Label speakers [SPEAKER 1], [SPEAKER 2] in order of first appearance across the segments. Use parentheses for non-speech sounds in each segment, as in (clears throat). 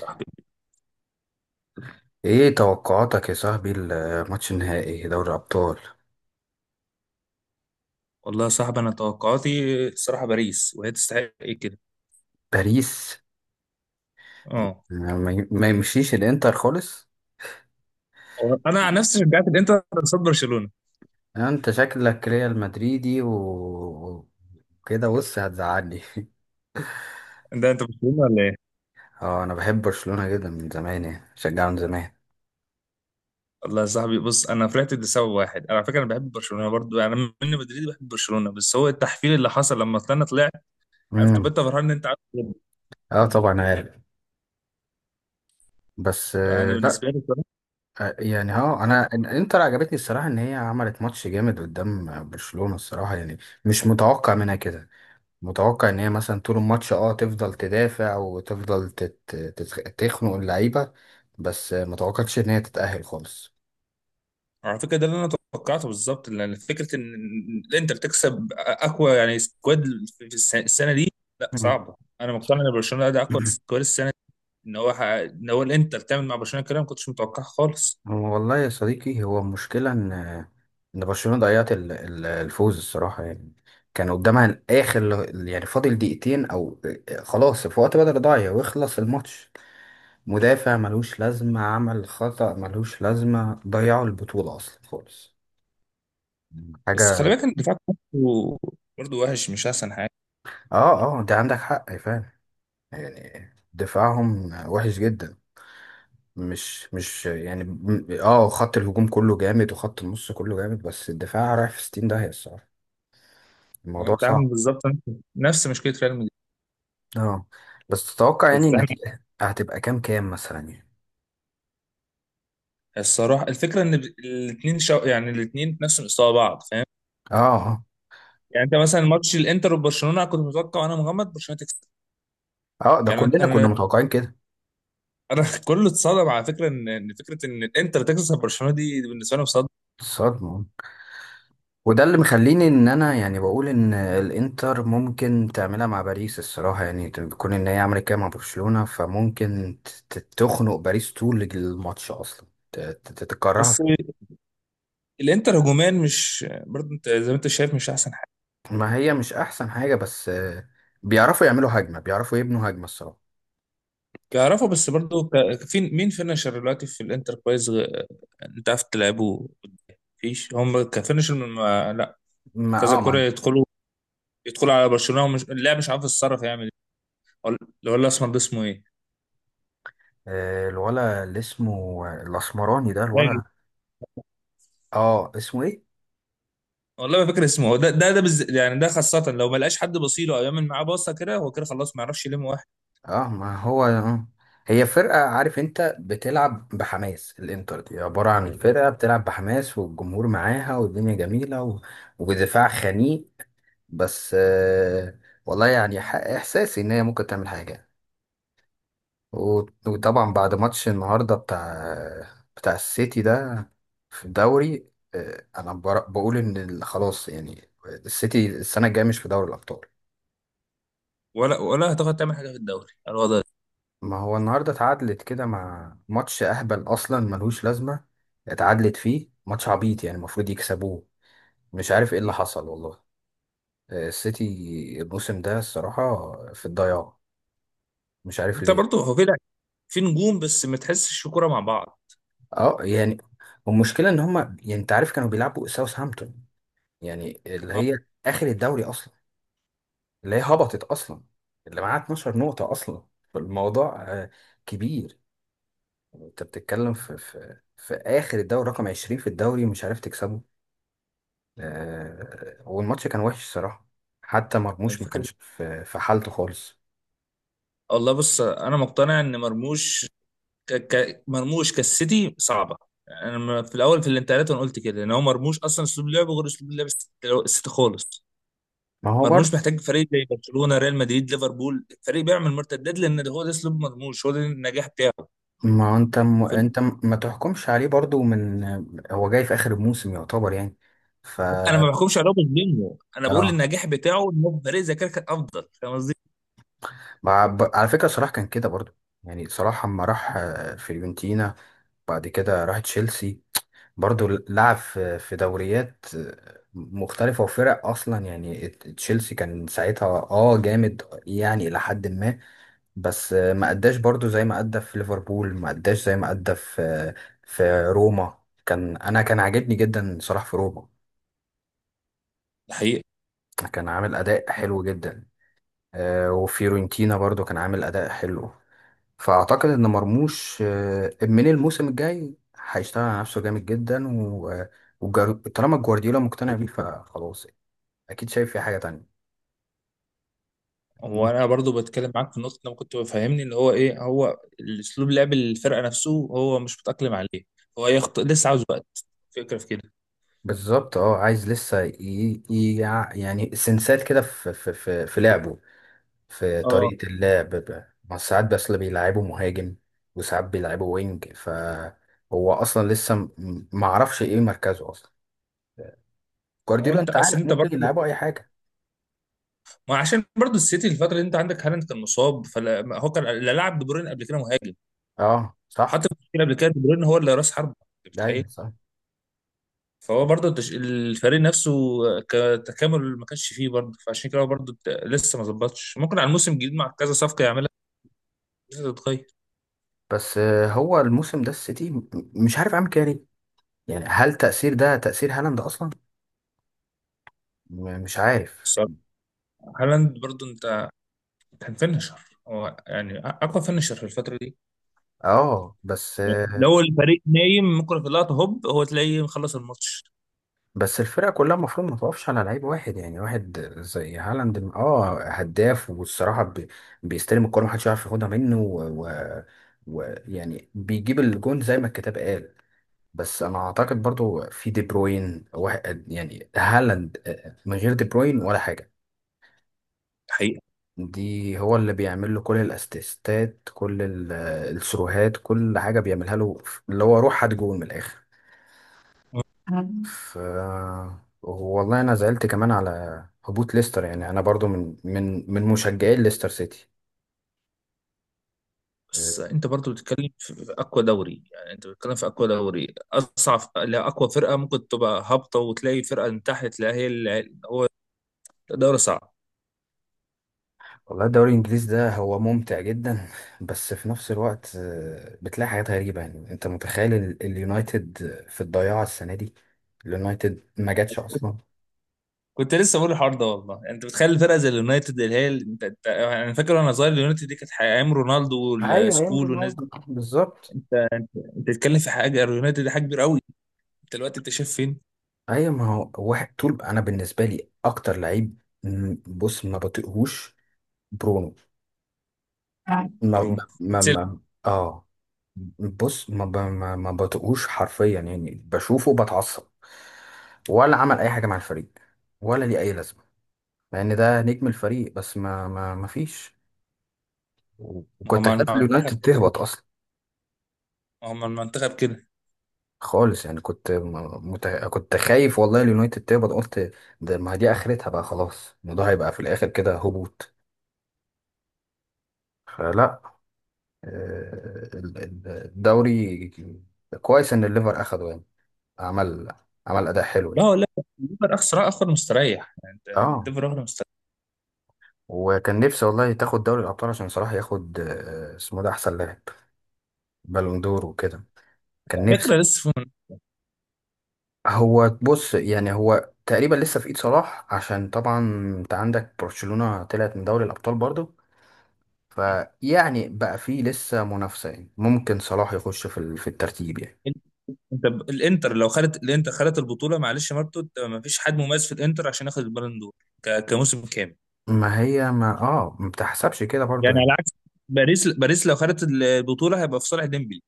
[SPEAKER 1] صاحبي.
[SPEAKER 2] ايه توقعاتك يا صاحبي الماتش النهائي دوري الابطال؟
[SPEAKER 1] والله يا صاحبي انا توقعاتي الصراحه باريس وهي تستحق، ايه كده.
[SPEAKER 2] باريس.
[SPEAKER 1] اه،
[SPEAKER 2] يعني ما يمشيش الانتر خالص.
[SPEAKER 1] هو انا عن نفسي شجعت الانتر قصاد برشلونه.
[SPEAKER 2] يعني انت شكلك ريال مدريدي وكده بص هتزعلني. (laughs)
[SPEAKER 1] ده انت برشلونه ولا ايه؟
[SPEAKER 2] اه انا بحب برشلونة جدا من زمان، يعني شجعه من زمان.
[SPEAKER 1] والله يا صاحبي، بص انا فرحت لسبب واحد. انا على فكره انا بحب برشلونه برضو، يعني انا من مدريد بحب برشلونه، بس هو التحفيل اللي حصل لما طلعنا طلع. عرفت تبقى
[SPEAKER 2] امم
[SPEAKER 1] انت فرحان ان انت عارف تكسب.
[SPEAKER 2] اه طبعا عارف. بس
[SPEAKER 1] فانا
[SPEAKER 2] لا.
[SPEAKER 1] بالنسبه لي
[SPEAKER 2] يعني انا الانتر عجبتني الصراحة، ان هي عملت ماتش جامد قدام برشلونة الصراحة يعني. مش متوقع منها كده. متوقع ان هي مثلا طول الماتش تفضل تدافع وتفضل تخنق اللعيبه. بس متوقعتش ان هي تتأهل خالص.
[SPEAKER 1] على فكره ده اللي انا توقعته بالظبط، لان فكره ان الانتر تكسب اقوى يعني سكواد في السنه دي لا
[SPEAKER 2] مم.
[SPEAKER 1] صعبه. انا مقتنع ان برشلونه ده اقوى
[SPEAKER 2] (clears throat)
[SPEAKER 1] سكواد السنه. ان هو ان هو الانتر تعمل مع برشلونه كده ما كنتش متوقعها خالص.
[SPEAKER 2] هو والله يا صديقي، هو المشكله ان ان برشلونه ضيعت الفوز الصراحه يعني. كان قدامها اخر، يعني فاضل دقيقتين او خلاص في وقت بدل ضايع ويخلص الماتش. مدافع ملوش لازمه عمل خطأ ملوش لازمه، ضيعوا البطوله اصلا خالص.
[SPEAKER 1] بس خلي
[SPEAKER 2] حاجه.
[SPEAKER 1] بالك ان الدفاع برضه، وحش، مش احسن حاجه.
[SPEAKER 2] اه اه، ده عندك حق فعلا. يعني دفاعهم وحش جدا. مش يعني خط الهجوم كله جامد وخط النص كله جامد، بس الدفاع رايح في 60 داهية الصراحة.
[SPEAKER 1] هو
[SPEAKER 2] الموضوع
[SPEAKER 1] انت عامل
[SPEAKER 2] صعب.
[SPEAKER 1] بالظبط نفس مشكله ريال مدريد.
[SPEAKER 2] اه. بس تتوقع يعني
[SPEAKER 1] بس انا
[SPEAKER 2] النتيجة هتبقى كام كام مثلا يعني؟
[SPEAKER 1] الصراحه الفكره ان الاثنين يعني الاثنين نفس مستوى بعض، فاهم؟
[SPEAKER 2] اه اه
[SPEAKER 1] يعني انت مثلا ماتش الانتر وبرشلونه كنت متوقع انا مغمض برشلونه تكسب.
[SPEAKER 2] اه ده
[SPEAKER 1] يعني انا
[SPEAKER 2] كلنا كنا
[SPEAKER 1] انا
[SPEAKER 2] متوقعين كده.
[SPEAKER 1] أنا (laughs) كله اتصدم على فكره ان إن فكره ان الانتر تكسب برشلونه دي بالنسبه لهم صدمه.
[SPEAKER 2] الصدمة. وده اللي مخليني ان انا يعني بقول ان الانتر ممكن تعملها مع باريس الصراحة، يعني تكون ان هي عملت كده مع برشلونة فممكن تخنق باريس طول الماتش اصلا، تكرهها.
[SPEAKER 1] بس الانتر هجوميا مش برضه، انت زي ما انت شايف مش احسن.
[SPEAKER 2] ما هي مش احسن حاجه، بس بيعرفوا يعملوا هجمه، بيعرفوا يبنوا هجمه الصراحه.
[SPEAKER 1] بيعرفوا بس برضو في مين فينشر دلوقتي في الانتر كويس انت عارف تلعبوا؟ مفيش، هم كفينشر ما... لا،
[SPEAKER 2] ما
[SPEAKER 1] كذا
[SPEAKER 2] اه ما
[SPEAKER 1] كرة
[SPEAKER 2] عند-
[SPEAKER 1] يدخلوا، يدخلوا على برشلونة ومش اللاعب مش عارف يتصرف يعمل ايه. ولا ولا الاسمر ده اسمه ايه؟
[SPEAKER 2] آه، الولا اللي اسمه الاسمراني ده
[SPEAKER 1] راجل.
[SPEAKER 2] الولا. اه اسمه ايه.
[SPEAKER 1] والله ما فاكر اسمه. هو ده يعني ده خاصة لو ما لقاش حد بصيله او يعمل معاه باصة، كده هو كده خلاص ما يعرفش يلم واحد.
[SPEAKER 2] اه ما هو هي فرقه، عارف انت بتلعب بحماس، الانتر دي عباره عن فرقه بتلعب بحماس والجمهور معاها والدنيا جميله ودفاع خنيق. بس والله يعني احساسي ان هي ممكن تعمل حاجه يعني. وطبعا بعد ماتش النهارده بتاع السيتي ده في الدوري. انا بقول ان خلاص يعني السيتي السنه الجايه مش في دوري الابطال.
[SPEAKER 1] ولا هتاخد تعمل حاجة في الدوري الوضع ده.
[SPEAKER 2] ما هو النهارده اتعادلت كده مع ماتش اهبل اصلا ملهوش لازمه. اتعادلت فيه ماتش عبيط يعني المفروض يكسبوه. مش عارف ايه اللي حصل والله. السيتي الموسم ده الصراحه في الضياع. مش عارف
[SPEAKER 1] انت
[SPEAKER 2] ليه.
[SPEAKER 1] برضو هو كده في نجوم بس ما تحسش في كوره مع بعض.
[SPEAKER 2] اه يعني. والمشكله ان هم يعني انت عارف كانوا بيلعبوا ساوثهامبتون، يعني اللي
[SPEAKER 1] اه،
[SPEAKER 2] هي اخر الدوري اصلا، اللي هي هبطت اصلا، اللي معاها 12 نقطة اصلا. فالموضوع كبير. يعني انت بتتكلم في اخر الدوري، رقم 20 في الدوري ومش عارف تكسبه. والماتش كان وحش الصراحة. حتى مرموش ما
[SPEAKER 1] الفكره
[SPEAKER 2] كانش في حالته خالص.
[SPEAKER 1] والله بص انا مقتنع ان مرموش مرموش كالسيتي صعبه. يعني انا في الاول في الانتقالات انا قلت كده، ان هو مرموش اصلا اسلوب لعبه غير اسلوب لعب السيتي خالص.
[SPEAKER 2] ما هو
[SPEAKER 1] مرموش
[SPEAKER 2] برضه،
[SPEAKER 1] محتاج فريق زي برشلونه، ريال مدريد، ليفربول، فريق بيعمل مرتدات، لان ده هو ده اسلوب مرموش، هو ده النجاح بتاعه.
[SPEAKER 2] ما هو انت
[SPEAKER 1] ف-
[SPEAKER 2] ما تحكمش عليه برضه من، هو جاي في اخر الموسم يعتبر يعني. ف
[SPEAKER 1] انا ما بحكمش عليه بظلمه، انا بقول
[SPEAKER 2] اه.
[SPEAKER 1] النجاح بتاعه ان هو فريق زي كده كان افضل. فاهم قصدي؟
[SPEAKER 2] ب- على فكرة صلاح كان كده برضه. يعني صلاح اما راح فيورنتينا، بعد كده راح تشيلسي، برضو لعب في دوريات مختلفة وفرق، أصلا يعني تشيلسي كان ساعتها جامد يعني إلى حد ما. بس ما أداش برضو زي ما أدى في ليفربول، ما أداش زي ما أدى في في روما. كان أنا كان عاجبني جدا صلاح في روما.
[SPEAKER 1] حقيقة.
[SPEAKER 2] كان عامل أداء حلو جدا. وفيورنتينا برضو كان عامل أداء حلو. فاعتقد ان مرموش من الموسم الجاي هيشتغل على نفسه جامد جدا، طالما جوارديولا مقتنع بيه فخلاص، اكيد شايف في حاجه تانية.
[SPEAKER 1] هو انا برضو بتكلم معاك في نقطه، لما كنت بفهمني اللي هو ايه هو الاسلوب لعب الفرقه نفسه هو مش متاقلم عليه. هو لسه عاوز وقت. فكره في
[SPEAKER 2] بالظبط اه، عايز لسه يعني سنسات كده في في في في لعبه، في
[SPEAKER 1] كده.
[SPEAKER 2] طريقه اللعب. ما ساعات بس اللي بيلعبه مهاجم، وساعات بيلعبه وينج، فهو اصلا لسه ما اعرفش ايه مركزه اصلا.
[SPEAKER 1] هو
[SPEAKER 2] جوارديولا
[SPEAKER 1] انت
[SPEAKER 2] انت
[SPEAKER 1] اصل
[SPEAKER 2] عارف
[SPEAKER 1] انت
[SPEAKER 2] ممكن
[SPEAKER 1] برضه
[SPEAKER 2] يلعبه اي حاجه.
[SPEAKER 1] ما عشان برضه السيتي الفتره دي انت عندك هالاند كان مصاب، فلا ما هو كان لا لعب بدورين قبل كده مهاجم.
[SPEAKER 2] اه صح.
[SPEAKER 1] حتى في المشكله قبل كده بدورين هو اللي راس حربه. انت متخيل؟
[SPEAKER 2] ايوه صح.
[SPEAKER 1] فهو برضه الفريق نفسه كتكامل ما كانش فيه برضه. فعشان كده هو برضه لسه ما ظبطش، ممكن على الموسم الجديد مع كذا صفقه يعملها لسه تتغير.
[SPEAKER 2] بس هو الموسم ده السيتي مش عارف عامل كده ليه. يعني هل تأثير ده تأثير هالاند أصلا؟ مش عارف.
[SPEAKER 1] الصراحه هالاند برضه، انت كان فينشر، هو يعني اقوى فينشر في الفتره دي.
[SPEAKER 2] اه. بس
[SPEAKER 1] يعني لو الفريق نايم، ممكن في اللقطه هوب هو تلاقيه مخلص الماتش.
[SPEAKER 2] بس الفرقة كلها المفروض ما توقفش على لعيب واحد، يعني واحد زي هالاند اه هداف والصراحة بيستلم الكورة محدش يعرف ياخدها منه ويعني، يعني بيجيب الجون زي ما الكتاب قال. بس انا اعتقد برضو في دي بروين، واحد يعني هالاند من غير دي بروين ولا حاجة.
[SPEAKER 1] حقيقة.
[SPEAKER 2] دي هو اللي بيعمل له كل الاسيستات، كل السروهات، كل حاجه بيعملها له، اللي هو روح هات جول من الاخر. ف والله انا زعلت كمان على هبوط ليستر، يعني انا برضو من مشجعي ليستر سيتي. أه،
[SPEAKER 1] بس انت برضو بتتكلم في اقوى دوري، يعني انت بتتكلم في اقوى دوري اصعب. لا، اقوى فرقه ممكن تبقى هابطه وتلاقي فرقه من تحت تلاقي هي اللي هو دوري صعب.
[SPEAKER 2] والله الدوري الانجليزي ده هو ممتع جدا، بس في نفس الوقت بتلاقي حاجات غريبه. يعني انت متخيل اليونايتد في الضياع السنه دي. اليونايتد ما جاتش اصلا.
[SPEAKER 1] كنت لسه بقول الحوار ده والله. يعني انت بتخيل فرقه زي اليونايتد، اللي هي انت انا فاكر وانا صغير اليونايتد دي كانت ايام رونالدو
[SPEAKER 2] ايوه ايام
[SPEAKER 1] والسكول والناس
[SPEAKER 2] رونالدو
[SPEAKER 1] دي.
[SPEAKER 2] بالظبط.
[SPEAKER 1] انت انت بتتكلم في حاجه، اليونايتد دي حاجه كبيره قوي. انت دلوقتي انت شايف فين؟
[SPEAKER 2] ايوه ما هو واحد طول، انا بالنسبه لي اكتر لعيب، بص ما بطيقهوش، برونو. آه. ما
[SPEAKER 1] برونو
[SPEAKER 2] ما
[SPEAKER 1] اتسلم.
[SPEAKER 2] ما اه. بص ما ب- ما, ما بطيقهوش حرفيا، يعني بشوفه بتعصب. ولا عمل اي حاجه مع الفريق، ولا ليه اي لازمه، مع ان ده نجم الفريق، بس ما فيش.
[SPEAKER 1] ما هو
[SPEAKER 2] وكنت
[SPEAKER 1] مع
[SPEAKER 2] خايف
[SPEAKER 1] المنتخب
[SPEAKER 2] اليونايتد
[SPEAKER 1] كده.
[SPEAKER 2] تهبط اصلا
[SPEAKER 1] ما هو مع المنتخب كده.
[SPEAKER 2] خالص، يعني كنت كنت خايف والله اليونايتد تهبط. قلت ده ما دي اخرتها بقى، خلاص الموضوع هيبقى في الاخر كده هبوط. فلا. الدوري كويس ان الليفر اخده يعني. عمل عمل اداء حلو
[SPEAKER 1] لا
[SPEAKER 2] يعني.
[SPEAKER 1] لا، الليفر اخسر اخر مستريح. يعني انت
[SPEAKER 2] اه.
[SPEAKER 1] الليفر اخر مستريح.
[SPEAKER 2] وكان نفسي والله تاخد دوري الابطال عشان صلاح ياخد اسمه ده احسن لاعب، بالون دور وكده. كان
[SPEAKER 1] على
[SPEAKER 2] نفسي.
[SPEAKER 1] فكره لسه
[SPEAKER 2] هو بص يعني هو تقريبا لسه في ايد صلاح، عشان طبعا انت عندك برشلونة طلعت من دوري الابطال برضه،
[SPEAKER 1] في.
[SPEAKER 2] فيعني بقى فيه لسه منافسة، يعني ممكن صلاح يخش في في الترتيب يعني.
[SPEAKER 1] انت الانتر لو خدت الانتر خدت البطوله، معلش يا مارتو، انت ما فيش حد مميز في الانتر عشان ياخد البالون دور كموسم كامل.
[SPEAKER 2] ما هي ما اه ما بتحسبش كده برضه
[SPEAKER 1] يعني على
[SPEAKER 2] يعني.
[SPEAKER 1] عكس باريس، باريس لو خدت البطوله هيبقى في صالح ديمبلي.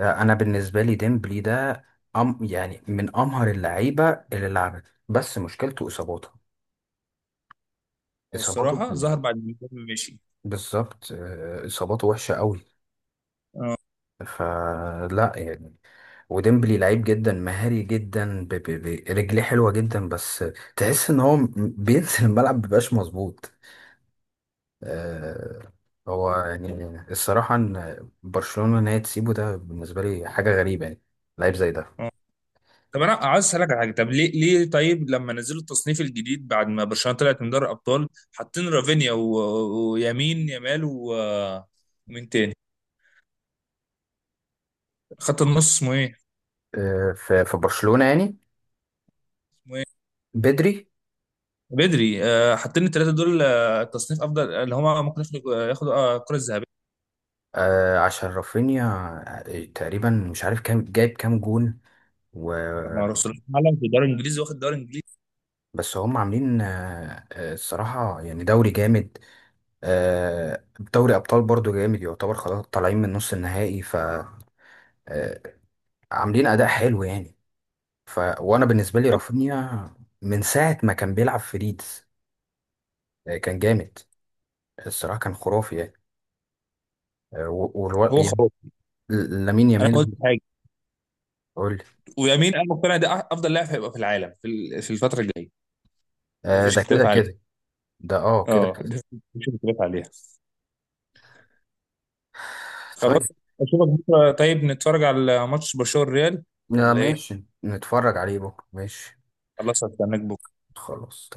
[SPEAKER 2] انا بالنسبه لي ديمبلي ده أم يعني من امهر اللعيبه اللي لعبت، بس مشكلته اصاباته. اصاباته ب-
[SPEAKER 1] والصراحه ظهر بعد ما ديمبلي مشي.
[SPEAKER 2] بالظبط اصاباته وحشه قوي.
[SPEAKER 1] اه
[SPEAKER 2] فلا يعني. وديمبلي لعيب جدا مهاري جدا، رجليه حلوه جدا، بس تحس ان هو بينزل الملعب مبيبقاش مظبوط. آه، هو يعني الصراحه ان برشلونه ان هي تسيبه ده بالنسبه لي حاجه غريبه يعني. لعيب زي ده.
[SPEAKER 1] اه. طب انا عايز اسالك على حاجه. طب ليه، طيب لما نزلوا التصنيف الجديد بعد ما برشلونه طلعت من دوري الابطال، حاطين رافينيا ويمين يامال ومين تاني خط النص اسمه ايه؟
[SPEAKER 2] في برشلونه يعني، بدري.
[SPEAKER 1] بدري. حاطين الثلاثه دول تصنيف افضل، اللي هم ممكن ياخدوا، الكره الذهبيه
[SPEAKER 2] آه عشان رافينيا تقريبا مش عارف كام جايب كام جون. و
[SPEAKER 1] مع رسول العالم في الدوري الانجليزي، واخد الدوري الانجليزي.
[SPEAKER 2] بس هم عاملين الصراحة يعني دوري جامد. آه، دوري أبطال برضو جامد يعتبر، خلاص طالعين من نص النهائي ف آه، عاملين أداء حلو يعني. ف وأنا بالنسبة لي رافينيا من ساعة ما كان بيلعب في ليدز كان جامد الصراحة، كان خرافي يعني.
[SPEAKER 1] هو
[SPEAKER 2] يعني
[SPEAKER 1] خلاص،
[SPEAKER 2] لامين
[SPEAKER 1] انا ما
[SPEAKER 2] يامال.
[SPEAKER 1] قلت حاجه.
[SPEAKER 2] قول لي.
[SPEAKER 1] ويمين انا مقتنع ده افضل لاعب هيبقى في العالم في في الفتره الجايه. مفيش
[SPEAKER 2] ده
[SPEAKER 1] اختلاف
[SPEAKER 2] كده
[SPEAKER 1] عليه.
[SPEAKER 2] كده. ده اه كده
[SPEAKER 1] اه
[SPEAKER 2] كده.
[SPEAKER 1] ده مفيش اختلاف عليها.
[SPEAKER 2] طيب
[SPEAKER 1] خلاص. اشوفك بكره طيب، نتفرج على ماتش برشلونه الريال
[SPEAKER 2] لا
[SPEAKER 1] ولا ايه؟
[SPEAKER 2] ماشي نتفرج عليه بكرة ماشي.
[SPEAKER 1] خلاص، هستناك بكره.
[SPEAKER 2] خلاص.